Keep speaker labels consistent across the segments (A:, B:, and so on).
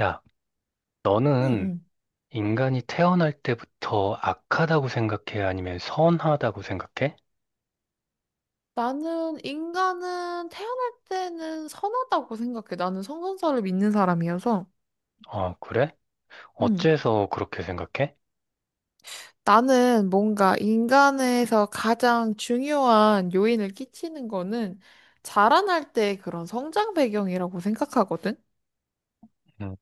A: 야, 너는
B: 응응.
A: 인간이 태어날 때부터 악하다고 생각해? 아니면 선하다고 생각해?
B: 나는 인간은 태어날 때는 선하다고 생각해. 나는 성선설을 믿는 사람이어서.
A: 어, 그래?
B: 응.
A: 어째서 그렇게 생각해?
B: 나는 뭔가 인간에서 가장 중요한 요인을 끼치는 거는 자라날 때 그런 성장 배경이라고 생각하거든.
A: 음,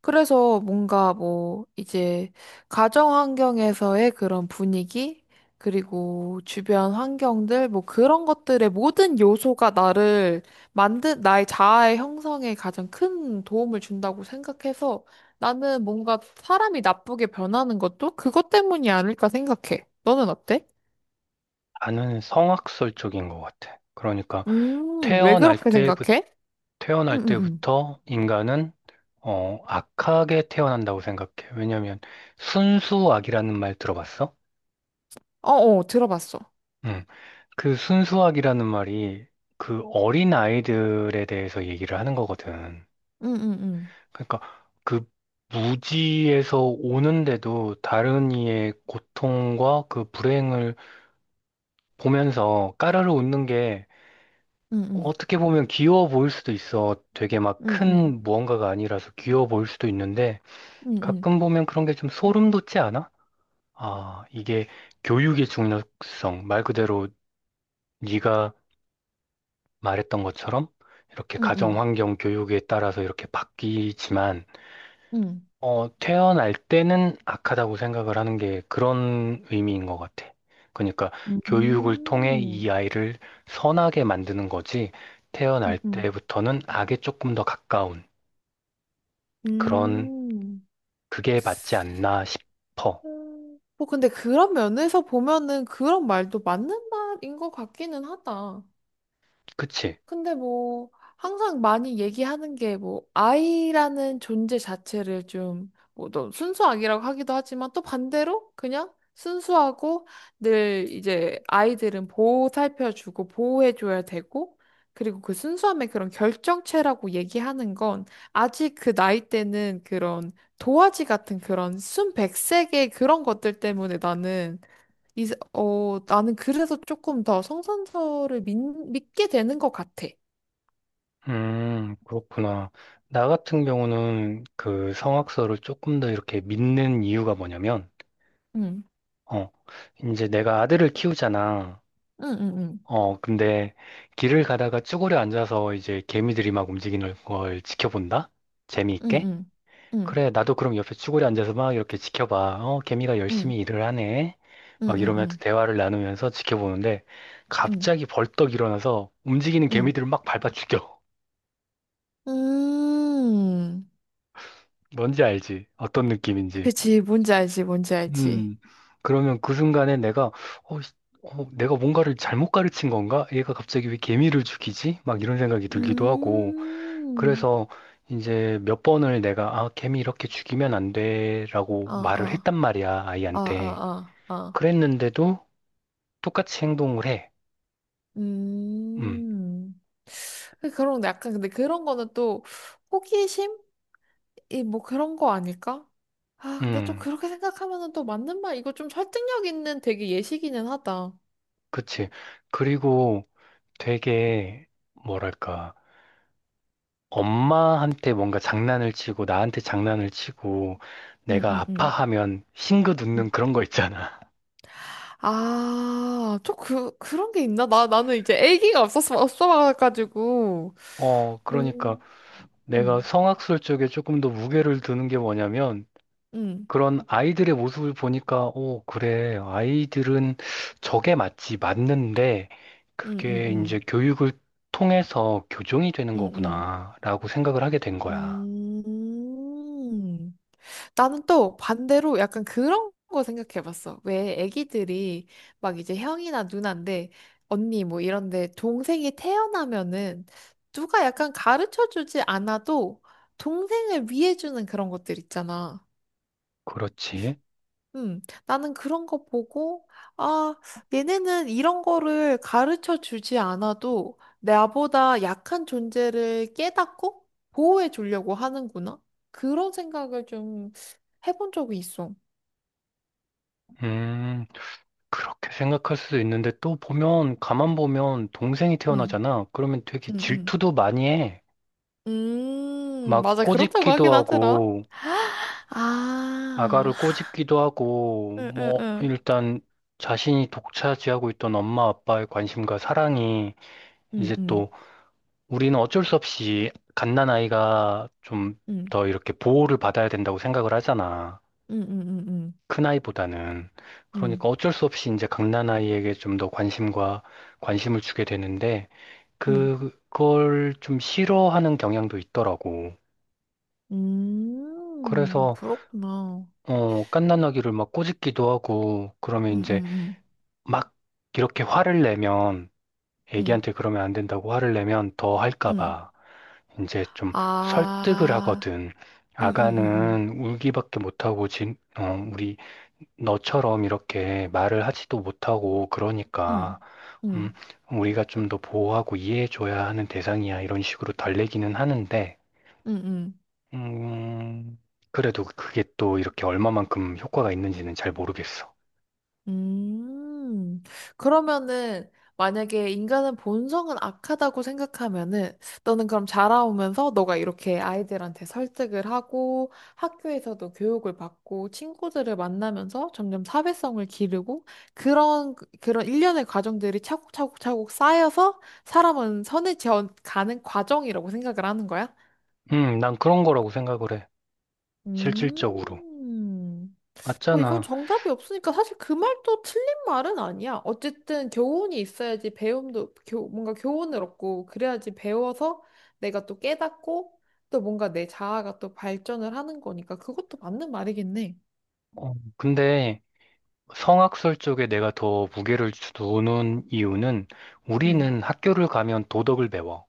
B: 그래서 뭔가 뭐 이제 가정 환경에서의 그런 분위기 그리고 주변 환경들 뭐 그런 것들의 모든 요소가 나를 만든 나의 자아의 형성에 가장 큰 도움을 준다고 생각해서 나는 뭔가 사람이 나쁘게 변하는 것도 그것 때문이 아닐까 생각해. 너는 어때?
A: 나는 성악설 쪽인 것 같아. 그러니까
B: 왜
A: 태어날
B: 그렇게
A: 때부터
B: 생각해? 응,
A: 태어날
B: 응, 응.
A: 때부터 인간은 악하게 태어난다고 생각해. 왜냐면 순수악이라는 말 들어봤어?
B: 어, 어, 들어봤어.
A: 음, 그 순수악이라는 말이 그 어린 아이들에 대해서 얘기를 하는 거거든.
B: 응, 응, 응.
A: 그러니까 그 무지에서 오는데도 다른 이의 고통과 그 불행을 보면서 까르르 웃는 게
B: 응, 응.
A: 어떻게 보면 귀여워 보일 수도 있어. 되게 막
B: 응, 응.
A: 큰 무언가가 아니라서 귀여워 보일 수도 있는데
B: 응, 응.
A: 가끔 보면 그런 게 좀 소름 돋지 않아? 아, 이게 교육의 중요성. 말 그대로 네가 말했던 것처럼 이렇게
B: 응,
A: 가정
B: 응.
A: 환경 교육에 따라서 이렇게 바뀌지만
B: 응.
A: 태어날 때는 악하다고 생각을 하는 게 그런 의미인 것 같아. 그러니까
B: 음,
A: 교육을 통해
B: 음,
A: 이 아이를 선하게 만드는 거지, 태어날
B: 음.
A: 때부터는 악에 조금 더 가까운 그런,
B: 음.
A: 그게 맞지 않나 싶어.
B: 음. 뭐 근데 그런 면에서 보면은 그런 말도 맞는 말인 것 같기는 하다.
A: 그치?
B: 근데 뭐 항상 많이 얘기하는 게 뭐 아이라는 존재 자체를 좀뭐또 순수악이라고 하기도 하지만 또 반대로 그냥 순수하고 늘 이제 아이들은 보살펴주고 보호해줘야 되고 그리고 그 순수함의 그런 결정체라고 얘기하는 건 아직 그 나이 때는 그런 도화지 같은 그런 순백색의 그런 것들 때문에 나는 이, 어, 나는 그래서 조금 더 성선설을 믿게 되는 것 같아.
A: 그렇구나. 나 같은 경우는 그 성악서를 조금 더 이렇게 믿는 이유가 뭐냐면,
B: 응,
A: 어, 이제 내가 아들을 키우잖아.
B: 응, 응,
A: 근데 길을 가다가 쭈그려 앉아서 이제 개미들이 막 움직이는 걸 지켜본다?
B: 응, 응,
A: 재미있게?
B: 응, 응,
A: 그래, 나도 그럼 옆에 쭈그려 앉아서 막 이렇게 지켜봐. 어, 개미가
B: 응,
A: 열심히 일을 하네.
B: 응,
A: 막 이러면서
B: 응,
A: 대화를 나누면서 지켜보는데
B: 응,
A: 갑자기 벌떡 일어나서 움직이는
B: 응.
A: 개미들을 막 밟아 죽여.
B: 음,
A: 뭔지 알지? 어떤 느낌인지.
B: 그치, 뭔지 알지, 뭔지 알지.
A: 음. 그러면 그 순간에 내가 어, 씨, 내가 뭔가를 잘못 가르친 건가? 얘가 갑자기 왜 개미를 죽이지? 막 이런 생각이 들기도 하고
B: 음,
A: 그래서 이제 몇 번을 내가 아, 개미 이렇게 죽이면 안
B: 어,
A: 돼라고 말을
B: 어,
A: 했단 말이야,
B: 어, 어,
A: 아이한테.
B: 어, 어.
A: 그랬는데도 똑같이 행동을 해. 음.
B: 음. 그런, 거 약간, 근데 그런 거는 또 호기심? 이 뭐 그런 거 아닐까? 아, 근데 또
A: 음.
B: 그렇게 생각하면은 또 맞는 말, 이거 좀 설득력 있는 되게 예시기는 하다.
A: 그치. 그리고 되게 뭐랄까? 엄마한테 뭔가 장난을 치고 나한테 장난을 치고
B: 응,
A: 내가
B: 응, 응.
A: 아파하면 싱긋 웃는 그런 거 있잖아.
B: 아, 좀 그, 그런 게 있나? 나는 이제 애기가 없었어, 없어가지고.
A: 그러니까
B: 음,
A: 내가
B: 응
A: 성악술 쪽에 조금 더 무게를 두는 게 뭐냐면
B: 응
A: 그런 아이들의 모습을 보니까, 오, 그래. 아이들은 저게 맞지, 맞는데,
B: 응
A: 그게
B: 응
A: 이제 교육을 통해서 교정이 되는
B: 응 응
A: 거구나, 라고 생각을 하게 된 거야.
B: 응. 음. 나는 또 반대로 약간 그런 거 생각해봤어. 왜 애기들이 막 이제 형이나 누나인데 언니 뭐 이런데 동생이 태어나면은 누가 약간 가르쳐주지 않아도 동생을 위해주는 그런 것들 있잖아.
A: 그렇지.
B: 나는 그런 거 보고, 아, 얘네는 이런 거를 가르쳐 주지 않아도 나보다 약한 존재를 깨닫고 보호해 주려고 하는구나. 그런 생각을 좀 해본 적이 있어.
A: 음, 그렇게 생각할 수도 있는데, 또 보면, 가만 보면, 동생이
B: 음,
A: 태어나잖아. 그러면 되게
B: 음, 음.
A: 질투도 많이 해. 막
B: 맞아. 그렇다고
A: 꼬집기도
B: 하긴 하더라.
A: 하고,
B: 아,
A: 아가를 꼬집기도 하고,
B: 응, 응,
A: 뭐,
B: 응.
A: 일단, 자신이 독차지하고 있던 엄마 아빠의 관심과 사랑이
B: 응,
A: 이제
B: 응,
A: 또 우리는 어쩔 수 없이 갓난아이가 좀
B: 응,
A: 더 이렇게 보호를 받아야 된다고 생각을 하잖아.
B: 응, 응, 응,
A: 큰아이보다는.
B: 응,
A: 그러니까 어쩔 수 없이 이제 갓난아이에게 좀 더 관심과 관심을 주게 되는데
B: 응.
A: 그걸 좀 싫어하는 경향도 있더라고. 그래서
B: 그렇구나.
A: 갓난아기를 막 꼬집기도 하고 그러면
B: 응,
A: 이제
B: 응,
A: 막 이렇게 화를 내면
B: 응,
A: 애기한테 그러면 안 된다고 화를 내면 더 할까
B: 응, 응.
A: 봐. 이제 좀 설득을
B: 아,
A: 하거든.
B: 음, 음, 음,
A: 아가는 울기밖에 못하고, 우리 너처럼 이렇게 말을 하지도 못하고 그러니까,
B: 음, 음,
A: 음,
B: 음,
A: 우리가 좀 더 보호하고 이해해줘야 하는 대상이야. 이런 식으로 달래기는 하는데,
B: 음.
A: 음, 그래도 그게 또 이렇게 얼마만큼 효과가 있는지는 잘 모르겠어.
B: 음. 그러면은, 만약에 인간은 본성은 악하다고 생각하면은, 너는 그럼 자라오면서 너가 이렇게 아이들한테 설득을 하고, 학교에서도 교육을 받고, 친구들을 만나면서 점점 사회성을 기르고, 그런, 그런 일련의 과정들이 차곡차곡차곡 쌓여서 사람은 선을 지어 가는 과정이라고 생각을 하는 거야?
A: 난 그런 거라고 생각을 해. 실질적으로.
B: 음. 뭐 이건
A: 맞잖아.
B: 정답이 없으니까 사실 그 말도 틀린 말은 아니야. 어쨌든 교훈이 있어야지 배움도 교, 뭔가 교훈을 얻고 그래야지 배워서 내가 또 깨닫고 또 뭔가 내 자아가 또 발전을 하는 거니까 그것도 맞는 말이겠네.
A: 근데 성악설 쪽에 내가 더 무게를 두는 이유는
B: 응,
A: 우리는 학교를 가면 도덕을 배워.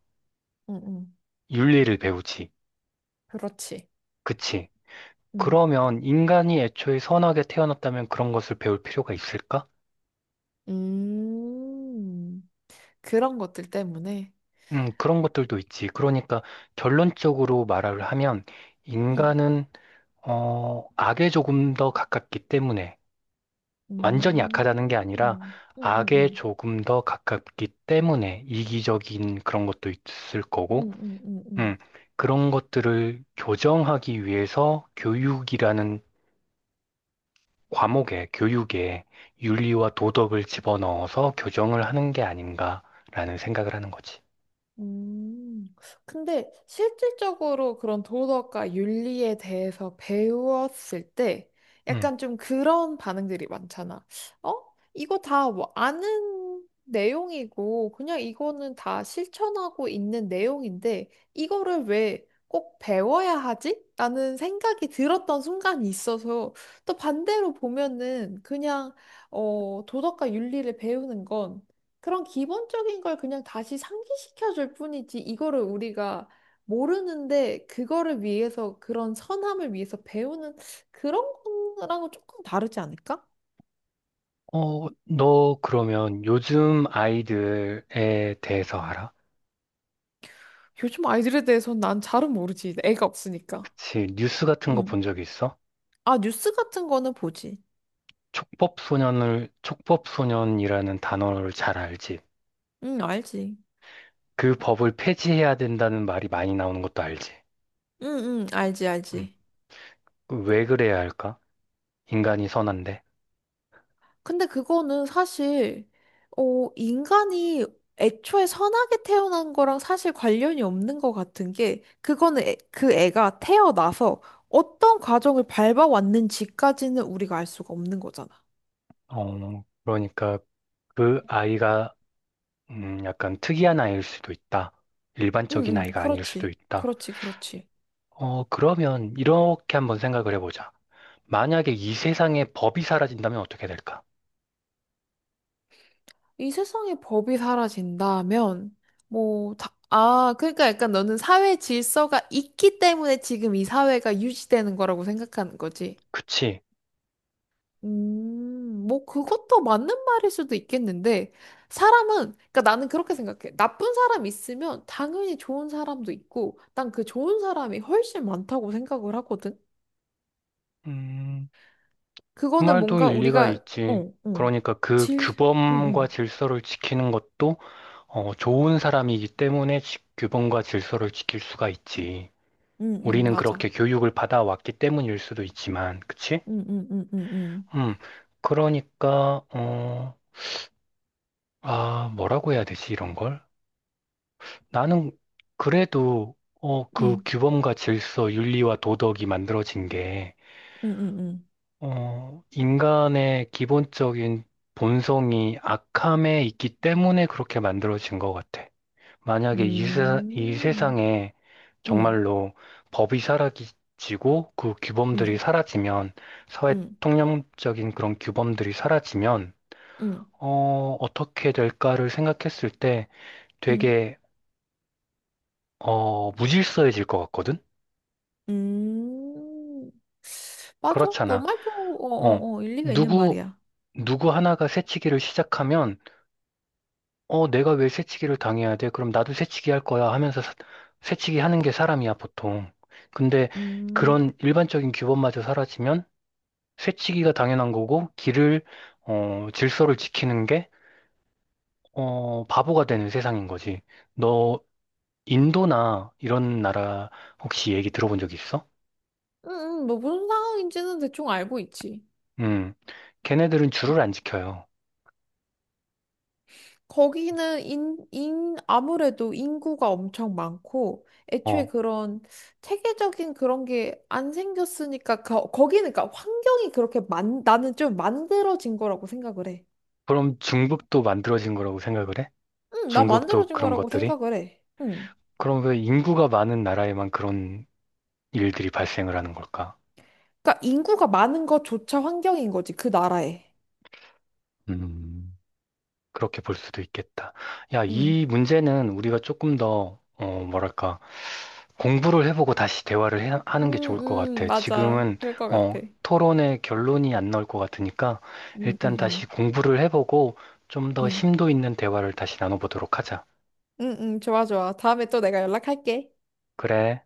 B: 응, 응.
A: 윤리를 배우지.
B: 그렇지.
A: 그치?
B: 응.
A: 그러면 인간이 애초에 선하게 태어났다면 그런 것을 배울 필요가 있을까?
B: 음. 그런 것들 때문에.
A: 그런 것들도 있지. 그러니까 결론적으로 말을 하면
B: 응.
A: 인간은, 악에 조금 더 가깝기 때문에 완전히 약하다는 게 아니라
B: 음. 응, 응,
A: 악에
B: 응.
A: 조금 더 가깝기 때문에 이기적인 그런 것도 있을 거고
B: 응, 응, 응,
A: 음,
B: 응.
A: 그런 것들을 교정하기 위해서 교육이라는 교육에 윤리와 도덕을 집어넣어서 교정을 하는 게 아닌가라는 생각을 하는 거지.
B: 음, 근데 실질적으로 그런 도덕과 윤리에 대해서 배웠을 때
A: 음.
B: 약간 좀 그런 반응들이 많잖아. 어? 이거 다 뭐 아는 내용이고 그냥 이거는 다 실천하고 있는 내용인데 이거를 왜 꼭 배워야 하지? 라는 생각이 들었던 순간이 있어서 또 반대로 보면은 그냥 어, 도덕과 윤리를 배우는 건 그런 기본적인 걸 그냥 다시 상기시켜 줄 뿐이지, 이거를 우리가 모르는데, 그거를 위해서, 그런 선함을 위해서 배우는 그런 거랑은 조금 다르지 않을까?
A: 어, 너 그러면 요즘 아이들에 대해서 알아?
B: 요즘 아이들에 대해서는 난 잘은 모르지. 애가 없으니까.
A: 그치, 뉴스 같은 거
B: 응.
A: 본 적 있어?
B: 아, 뉴스 같은 거는 보지.
A: 촉법소년이라는 단어를 잘 알지?
B: 응, 알지.
A: 그 법을 폐지해야 된다는 말이 많이 나오는 것도 알지?
B: 응, 응, 알지,
A: 음.
B: 알지.
A: 왜 그래야 할까? 인간이 선한데.
B: 근데 그거는 사실, 어, 인간이 애초에 선하게 태어난 거랑 사실 관련이 없는 것 같은 게, 그거는 그 애가 태어나서 어떤 과정을 밟아왔는지까지는 우리가 알 수가 없는 거잖아.
A: 그러니까 그 아이가 약간 특이한 아이일 수도 있다.
B: 응,
A: 일반적인
B: 응,
A: 아이가 아닐 수도
B: 그렇지.
A: 있다.
B: 그렇지, 그렇지.
A: 어, 그러면 이렇게 한번 생각을 해보자. 만약에 이 세상에 법이 사라진다면 어떻게 될까?
B: 이 세상에 법이 사라진다면, 뭐, 다, 아, 그러니까 약간 너는 사회 질서가 있기 때문에 지금 이 사회가 유지되는 거라고 생각하는 거지.
A: 그치?
B: 뭐 그것도 맞는 말일 수도 있겠는데 사람은 그러니까 나는 그렇게 생각해. 나쁜 사람 있으면 당연히 좋은 사람도 있고 난 그 좋은 사람이 훨씬 많다고 생각을 하거든.
A: 음, 그
B: 그거는
A: 말도
B: 뭔가
A: 일리가
B: 우리가 어,
A: 있지.
B: 어.
A: 그러니까 그
B: 질
A: 규범과
B: 응응
A: 질서를 지키는 것도 어, 좋은 사람이기 때문에 규범과 질서를 지킬 수가 있지.
B: 응응
A: 우리는
B: 맞아.
A: 그렇게 교육을 받아왔기 때문일 수도 있지만, 그치?
B: 응응응응응
A: 음, 그러니까, 어, 아, 뭐라고 해야 되지, 이런 걸? 나는 그래도, 어, 그 규범과 질서, 윤리와 도덕이 만들어진 게, 어, 인간의 기본적인 본성이 악함에 있기 때문에 그렇게 만들어진 것 같아. 만약에 이
B: 응
A: 세상에
B: 응
A: 정말로 법이 사라지고 그
B: 응응 응,
A: 규범들이
B: 응,
A: 사라지면, 사회
B: 응,
A: 통념적인 그런 규범들이 사라지면,
B: 응. 음.
A: 어, 어떻게 될까를 생각했을 때
B: 응 응 응 응 응
A: 되게, 어, 무질서해질 것 같거든?
B: 음. 맞아. 너
A: 그렇잖아.
B: 말도 어,
A: 어,
B: 어, 어, 일리가 있는
A: 누구,
B: 말이야.
A: 누구 하나가 새치기를 시작하면, 어, 내가 왜 새치기를 당해야 돼? 그럼 나도 새치기 할 거야 하면서 새치기 하는 게 사람이야, 보통. 근데
B: 음,
A: 그런 일반적인 규범마저 사라지면 새치기가 당연한 거고, 길을, 어, 질서를 지키는 게, 어, 바보가 되는 세상인 거지. 너 인도나 이런 나라 혹시 얘기 들어본 적 있어?
B: 뭐 무슨 상황인지는 대충 알고 있지.
A: 음, 걔네들은 줄을 안 지켜요.
B: 거기는 아무래도 인구가 엄청 많고, 애초에
A: 어,
B: 그런 체계적인 그런 게 안 생겼으니까, 거기는 그러니까 환경이 그렇게 만, 나는 좀 만들어진 거라고 생각을 해.
A: 그럼 중국도 만들어진 거라고 생각을 해?
B: 응, 나
A: 중국도
B: 만들어진
A: 그런
B: 거라고
A: 것들이?
B: 생각을 해. 응.
A: 그럼 왜 인구가 많은 나라에만 그런 일들이 발생을 하는 걸까?
B: 그러니까 인구가 많은 것조차 환경인 거지, 그 나라에.
A: 음, 그렇게 볼 수도 있겠다. 야,
B: 응.
A: 이 문제는 우리가 조금 더, 어, 뭐랄까. 공부를 해보고 다시 하는 게 좋을 것 같아.
B: 맞아.
A: 지금은
B: 그럴 것
A: 어,
B: 같아.
A: 토론의 결론이 안 나올 것 같으니까
B: 음, 음,
A: 일단 다시
B: 음.
A: 공부를 해보고 좀 더
B: 음.
A: 심도 있는 대화를 다시 나눠보도록 하자.
B: 응, 응, 좋아, 좋아. 다음에 또 내가 연락할게.
A: 그래.